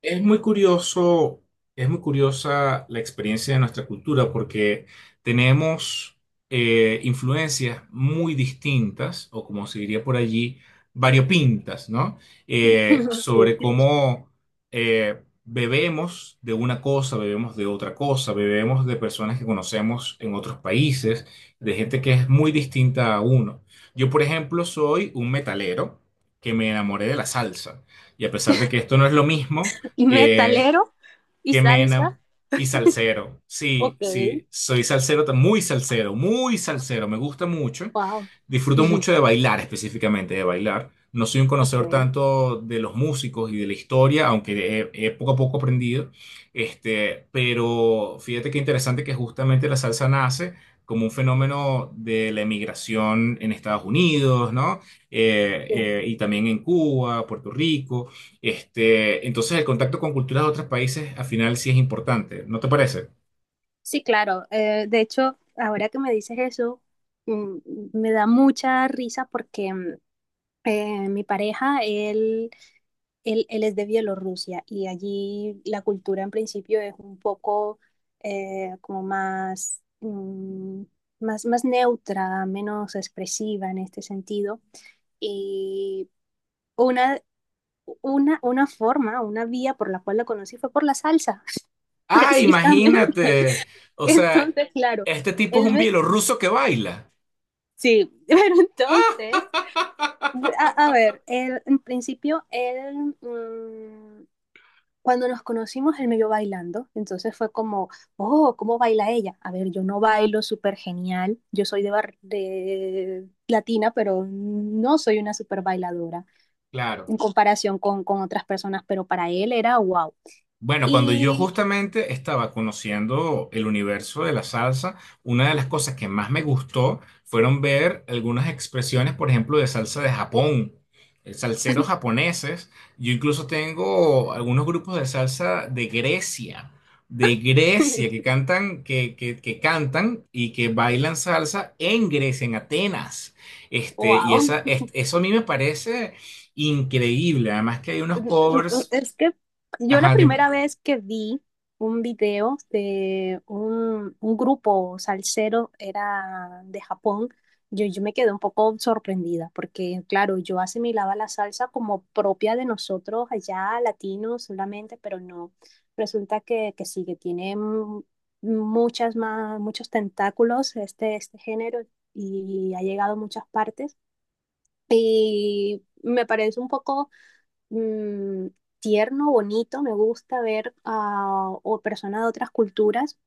Es muy curioso, es muy curiosa la experiencia de nuestra cultura porque tenemos influencias muy distintas, o como se diría por allí, variopintas, ¿no? Eh, Sí. sobre cómo bebemos de una cosa, bebemos de otra cosa, bebemos de personas que conocemos en otros países, de gente que es muy distinta a uno. Yo, por ejemplo, soy un metalero que me enamoré de la salsa. Y a pesar de que esto no es lo mismo, Y que, metalero y que me enam- salsa. y salsero. Sí, Ok, sí, soy salsero, muy salsero, muy salsero, me gusta mucho. wow. Disfruto mucho de bailar específicamente, de bailar. No soy un conocedor Ok. tanto de los músicos y de la historia, aunque he poco a poco aprendido. Pero fíjate qué interesante que justamente la salsa nace como un fenómeno de la emigración en Estados Unidos, ¿no? Eh, Sí. eh, y también en Cuba, Puerto Rico. Entonces el contacto con culturas de otros países al final sí es importante, ¿no te parece? Sí, claro. De hecho, ahora que me dices eso, mm, me da mucha risa porque mi pareja, él es de Bielorrusia y allí la cultura en principio es un poco como más, más neutra, menos expresiva en este sentido. Y una, una forma, una vía por la cual la conocí fue por la salsa, Ah, precisamente. imagínate. O sea, Entonces, claro, este tipo es él un me- bielorruso que baila. sí, pero entonces, a ver, en principio, él, cuando nos conocimos, él me vio bailando, entonces fue como, oh, ¿cómo baila ella? A ver, yo no bailo súper genial, yo soy de, de latina, pero no soy una súper bailadora en Claro. comparación con otras personas, pero para él era wow. Bueno, cuando yo Y justamente estaba conociendo el universo de la salsa, una de las cosas que más me gustó fueron ver algunas expresiones, por ejemplo, de salsa de Japón, salseros japoneses. Yo incluso tengo algunos grupos de salsa de Grecia, que cantan, que cantan y que bailan salsa en Grecia, en Atenas. Y wow. Eso a mí me parece increíble. Además que hay unos covers. Es que yo la Ajá, dime. primera vez que vi un video de un grupo salsero era de Japón. Yo me quedé un poco sorprendida porque, claro, yo asimilaba la salsa como propia de nosotros allá, latinos solamente, pero no. Resulta que sí, que tiene muchas más, muchos tentáculos este, este género y ha llegado a muchas partes. Y me parece un poco mm, tierno, bonito. Me gusta ver a o personas de otras culturas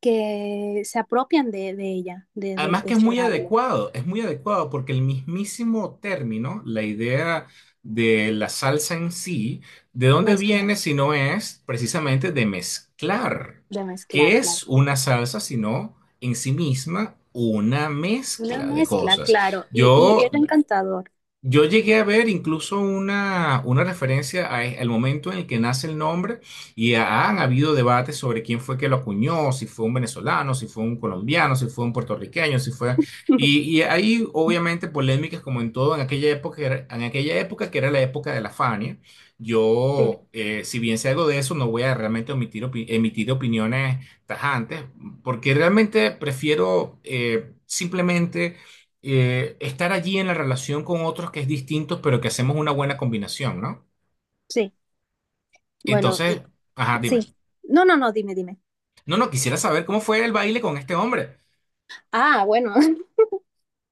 que se apropian de ella, Además de que ese baile. Es muy adecuado porque el mismísimo término, la idea de la salsa en sí, ¿de dónde Mezclar, viene si no es precisamente de mezclar? de mezclar, ¿Qué claro. es una salsa sino en sí misma una Una mezcla de mezcla, cosas? claro. Y Yo era encantador. yo llegué a ver incluso una referencia al momento en el que nace el nombre y han habido debates sobre quién fue que lo acuñó, si fue un venezolano, si fue un colombiano, si fue un puertorriqueño, si fue... Y, y hay obviamente polémicas como en todo en aquella época, en aquella época que era la época de la Fania. Sí, Yo, si bien sé algo de eso, no voy a realmente emitir opiniones tajantes porque realmente prefiero... simplemente estar allí en la relación con otros que es distinto, pero que hacemos una buena combinación, ¿no? sí. Bueno, Entonces, y- ajá, dime. sí. No, no, no, dime, dime. No, no, quisiera saber cómo fue el baile con este hombre. Ah, bueno.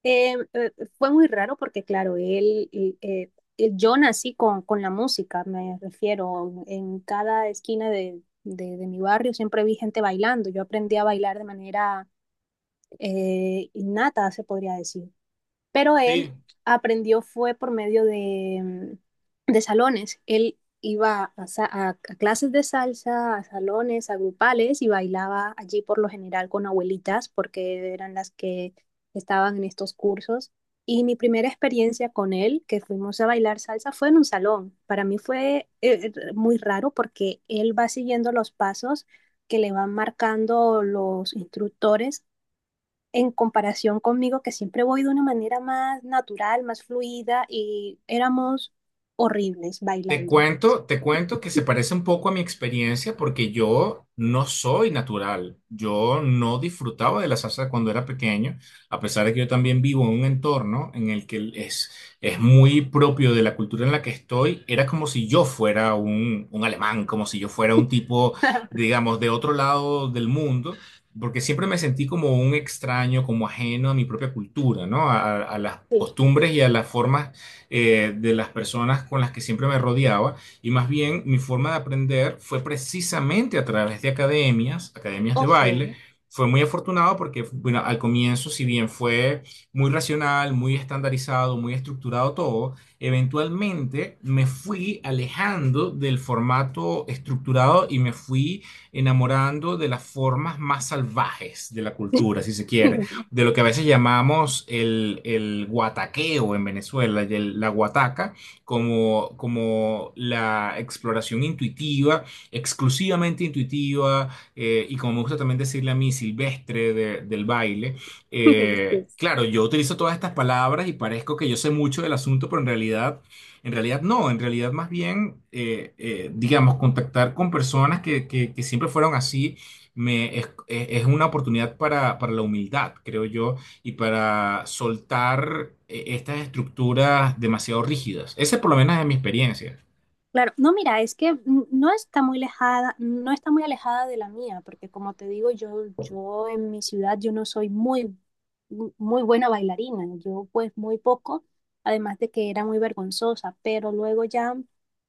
Eh, eh, Fue muy raro porque, claro, él- yo nací con la música, me refiero, en cada esquina de, de mi barrio siempre vi gente bailando, yo aprendí a bailar de manera innata, se podría decir, pero Sí. él aprendió fue por medio de, de salones. Él iba a, a clases de salsa, a salones, a grupales y bailaba allí por lo general con abuelitas porque eran las que estaban en estos cursos. Y mi primera experiencia con él, que fuimos a bailar salsa, fue en un salón. Para mí fue muy raro porque él va siguiendo los pasos que le van marcando los instructores en comparación conmigo, que siempre voy de una manera más natural, más fluida, y éramos horribles bailando. Te cuento que se parece un poco a mi experiencia porque yo no soy natural. Yo no disfrutaba de la salsa cuando era pequeño, a pesar de que yo también vivo en un entorno en el es muy propio de la cultura en la que estoy. Era como si yo fuera un alemán, como si yo fuera un tipo, digamos, de otro lado del mundo. Porque siempre me sentí como un extraño, como ajeno a mi propia cultura, ¿no? A las Sí. costumbres y a las formas de las personas con las que siempre me rodeaba y más bien mi forma de aprender fue precisamente a través de academias, academias de Ok. baile. Fue muy afortunado porque, bueno, al comienzo, si bien fue muy racional, muy estandarizado, muy estructurado todo, eventualmente me fui alejando del formato estructurado y me fui enamorando de las formas más salvajes de la cultura, si se quiere de lo que a veces llamamos el guataqueo en Venezuela, y la guataca, como, como la exploración intuitiva, exclusivamente intuitiva, y como me gusta también decirle a mí, silvestre del baile. Eh, Sí. claro, yo utilizo todas estas palabras y parezco que yo sé mucho del asunto, pero en realidad... En realidad no, en realidad más bien, digamos, contactar con personas que siempre fueron así una oportunidad para la humildad, creo yo, y para soltar estas estructuras demasiado rígidas. Esa por lo menos es mi experiencia. Claro, no, mira, es que no está muy alejada, no está muy alejada de la mía, porque como te digo, yo en mi ciudad yo no soy muy, muy buena bailarina, yo pues muy poco, además de que era muy vergonzosa, pero luego ya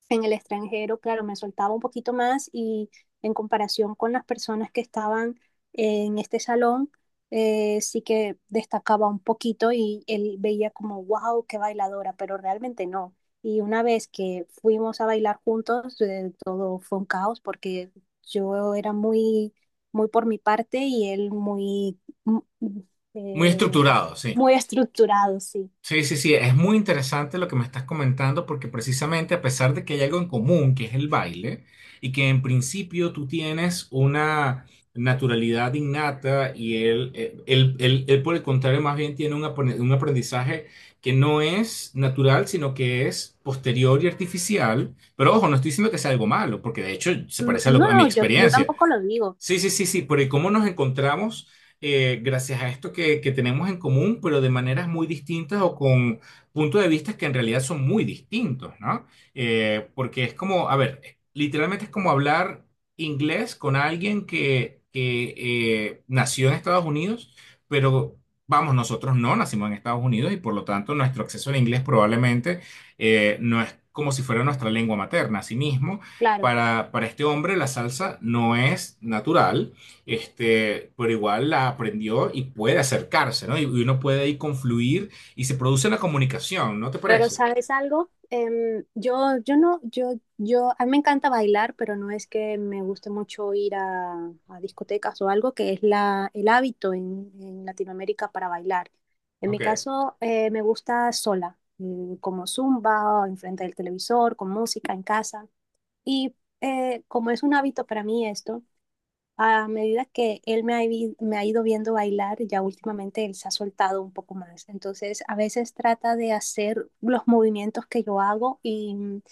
en el extranjero, claro, me soltaba un poquito más y en comparación con las personas que estaban en este salón, sí que destacaba un poquito y él veía como, wow, qué bailadora, pero realmente no. Y una vez que fuimos a bailar juntos, todo fue un caos porque yo era muy, muy por mi parte y él muy, mm, Muy eh, estructurado, sí. muy estructurado, sí. Sí, sí, sí, es muy interesante lo que me estás comentando porque precisamente a pesar de que hay algo en común, que es el baile, y que en principio tú tienes una naturalidad innata y él, él, por el contrario más bien tiene un un aprendizaje que no es natural, sino que es posterior y artificial, pero ojo, no estoy diciendo que sea algo malo, porque de hecho se No, parece a, no, a mi no, yo experiencia. tampoco lo digo, Sí, sí, sí, sí, porque cómo nos encontramos gracias a esto que tenemos en común, pero de maneras muy distintas o con puntos de vista que en realidad son muy distintos, ¿no? Porque es como, a ver, literalmente es como hablar inglés con alguien nació en Estados Unidos, pero vamos, nosotros no nacimos en Estados Unidos y por lo tanto nuestro acceso al inglés probablemente no es como si fuera nuestra lengua materna, así mismo. claro. Para este hombre la salsa no es natural, este, pero igual la aprendió y puede acercarse, ¿no? Y uno puede ahí confluir y se produce una comunicación, ¿no te Pero parece? ¿sabes algo? Yo, yo no, yo, a mí me encanta bailar, pero no es que me guste mucho ir a discotecas o algo, que es la, el hábito en Latinoamérica para bailar. En mi Ok. caso, me gusta sola, como zumba, o enfrente del televisor, con música en casa. Y como es un hábito para mí esto, a medida que él me ha, me ha ido viendo bailar, ya últimamente él se ha soltado un poco más. Entonces, a veces trata de hacer los movimientos que yo hago y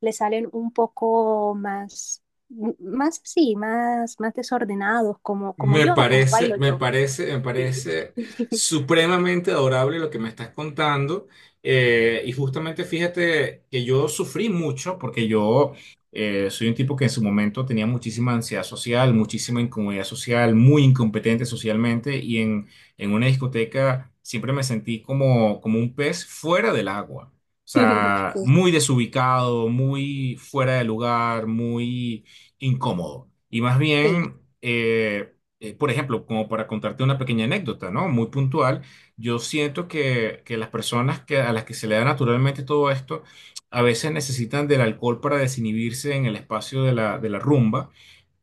le salen un poco más, más así, más, más desordenados, como, como Me yo, como parece, bailo me yo. parece, me Sí, parece supremamente adorable lo que me estás contando. Y justamente fíjate que yo sufrí mucho porque yo soy un tipo que en su momento tenía muchísima ansiedad social, muchísima incomodidad social, muy incompetente socialmente y en una discoteca siempre me sentí como, como un pez fuera del agua. O sea, sí, muy desubicado, muy fuera de lugar, muy incómodo. Y más sí, bien... por ejemplo, como para contarte una pequeña anécdota, ¿no? Muy puntual, yo siento que las personas que, a las que se le da naturalmente todo esto, a veces necesitan del alcohol para desinhibirse en el espacio de de la rumba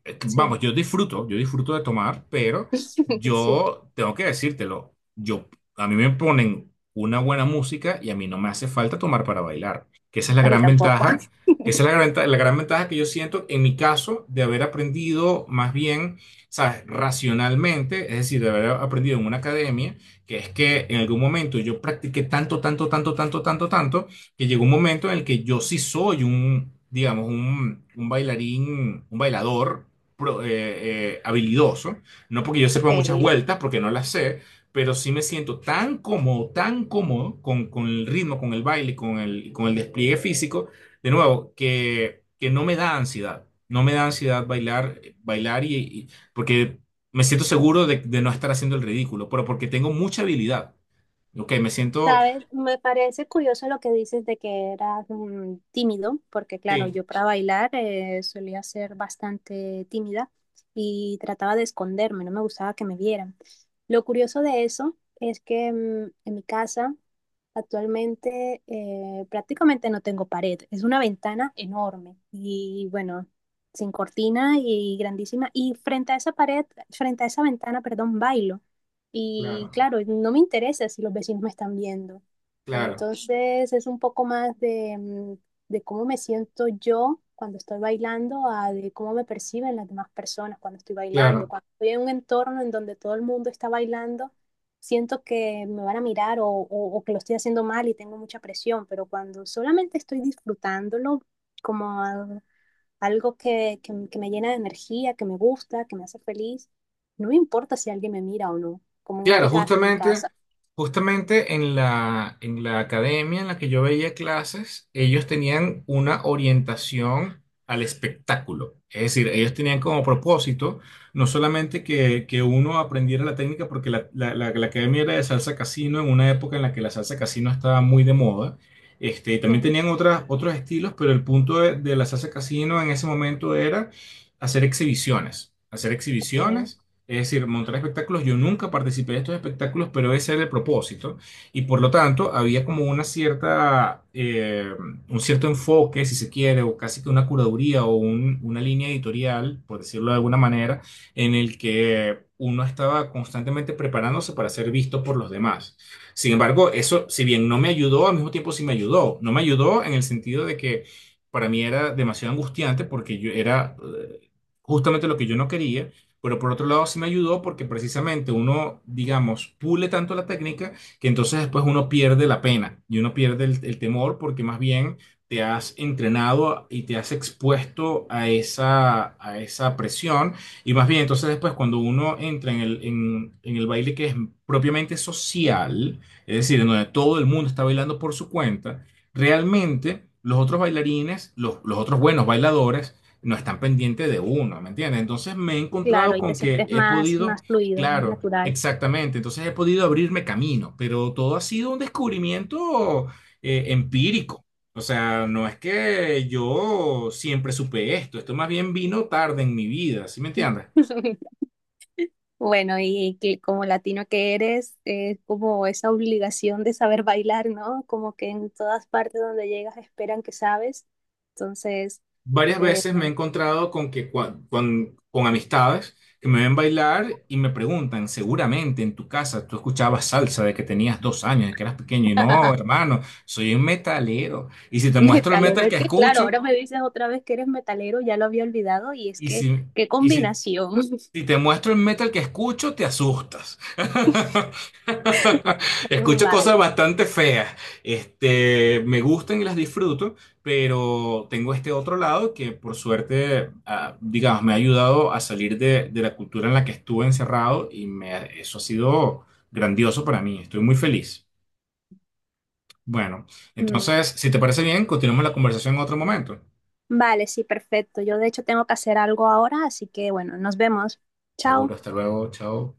Vamos, sí. Yo disfruto de tomar, pero Sí. yo tengo que decírtelo. Yo, a mí me ponen una buena música y a mí no me hace falta tomar para bailar, que esa es la A mí gran tampoco. ventaja. Esa es la gran, la gran ventaja que yo siento en mi caso de haber aprendido más bien, ¿sabes? Racionalmente, es decir, de haber aprendido en una academia, que es que en algún momento yo practiqué tanto, tanto, tanto, tanto, tanto, tanto, que llegó un momento en el que yo sí soy digamos, un bailarín, un bailador habilidoso, no porque yo sepa Ok. muchas vueltas, porque no las sé, pero sí me siento tan cómodo con el ritmo, con el baile, con con el despliegue físico, de nuevo, que no me da ansiedad, no me da ansiedad bailar, porque me siento seguro de no estar haciendo el ridículo, pero porque tengo mucha habilidad. Ok, me siento... Sabes, me parece curioso lo que dices de que eras tímido, porque claro, Sí, yo para bailar solía ser bastante tímida y trataba de esconderme, no me gustaba que me vieran. Lo curioso de eso es que en mi casa actualmente prácticamente no tengo pared, es una ventana enorme y bueno, sin cortina y grandísima. Y frente a esa pared, frente a esa ventana, perdón, bailo. Y claro, claro, no me interesa si los vecinos me están viendo. claro, Entonces es un poco más de, de cómo me siento yo cuando estoy bailando a de cómo me perciben las demás personas cuando estoy bailando. claro. Cuando estoy en un entorno en donde todo el mundo está bailando, siento que me van a mirar o que lo estoy haciendo mal y tengo mucha presión, pero cuando solamente estoy disfrutándolo, como algo que me llena de energía, que me gusta, que me hace feliz. No me importa si alguien me mira o no, como en Claro, este caso, en justamente, casa. justamente en la academia en la que yo veía clases, ellos tenían una orientación al espectáculo. Es decir, ellos tenían como propósito no solamente que uno aprendiera la técnica, porque la academia era de salsa casino en una época en la que la salsa casino estaba muy de moda. Y también Sí, tenían otros estilos, pero el punto de la salsa casino en ese momento era hacer exhibiciones. Hacer ok. exhibiciones es decir, montar espectáculos, yo nunca participé de estos espectáculos, pero ese era el propósito. Y por lo tanto, había como una cierta, un cierto enfoque, si se quiere, o casi que una curaduría o una línea editorial, por decirlo de alguna manera, en el que uno estaba constantemente preparándose para ser visto por los demás. Sin embargo, eso, si bien no me ayudó, al mismo tiempo sí me ayudó. No me ayudó en el sentido de que para mí era demasiado angustiante porque yo era... justamente lo que yo no quería, pero por otro lado sí me ayudó porque precisamente uno, digamos, pule tanto la técnica que entonces después uno pierde la pena y uno pierde el temor porque más bien te has entrenado y te has expuesto a esa presión y más bien entonces después cuando uno entra en en el baile que es propiamente social, es decir, en donde todo el mundo está bailando por su cuenta, realmente los otros bailarines, los otros buenos bailadores, no están pendientes de uno, ¿me entiendes? Entonces me he Claro, encontrado y te con que sientes he más, podido, más fluido, más claro, natural. exactamente, entonces he podido abrirme camino, pero todo ha sido un descubrimiento empírico. O sea, no es que yo siempre supe esto, esto más bien vino tarde en mi vida, ¿sí me entiendes? Bueno, y que como latino que eres, es como esa obligación de saber bailar, ¿no? Como que en todas partes donde llegas esperan que sabes. Entonces, Varias eh, veces me he encontrado con que con amistades que me ven bailar y me preguntan, seguramente en tu casa tú escuchabas salsa de que tenías 2 años, de que eras pequeño, y no, hermano, soy un metalero. Y si te muestro el metalero, metal es que que claro, escucho, ahora me dices otra vez que eres metalero, ya lo había olvidado y es y que, si, qué y si, combinación. si te muestro el metal que escucho, te asustas. Escucho cosas Vale. bastante feas. Este, me gustan y las disfruto, pero tengo este otro lado que por suerte, ah, digamos, me ha ayudado a salir de la cultura en la que estuve encerrado y eso ha sido grandioso para mí. Estoy muy feliz. Bueno, Mm, entonces, si te parece bien, continuamos la conversación en otro momento. vale, sí, perfecto. Yo de hecho tengo que hacer algo ahora, así que bueno, nos vemos. Chao. Seguro, hasta luego, chao.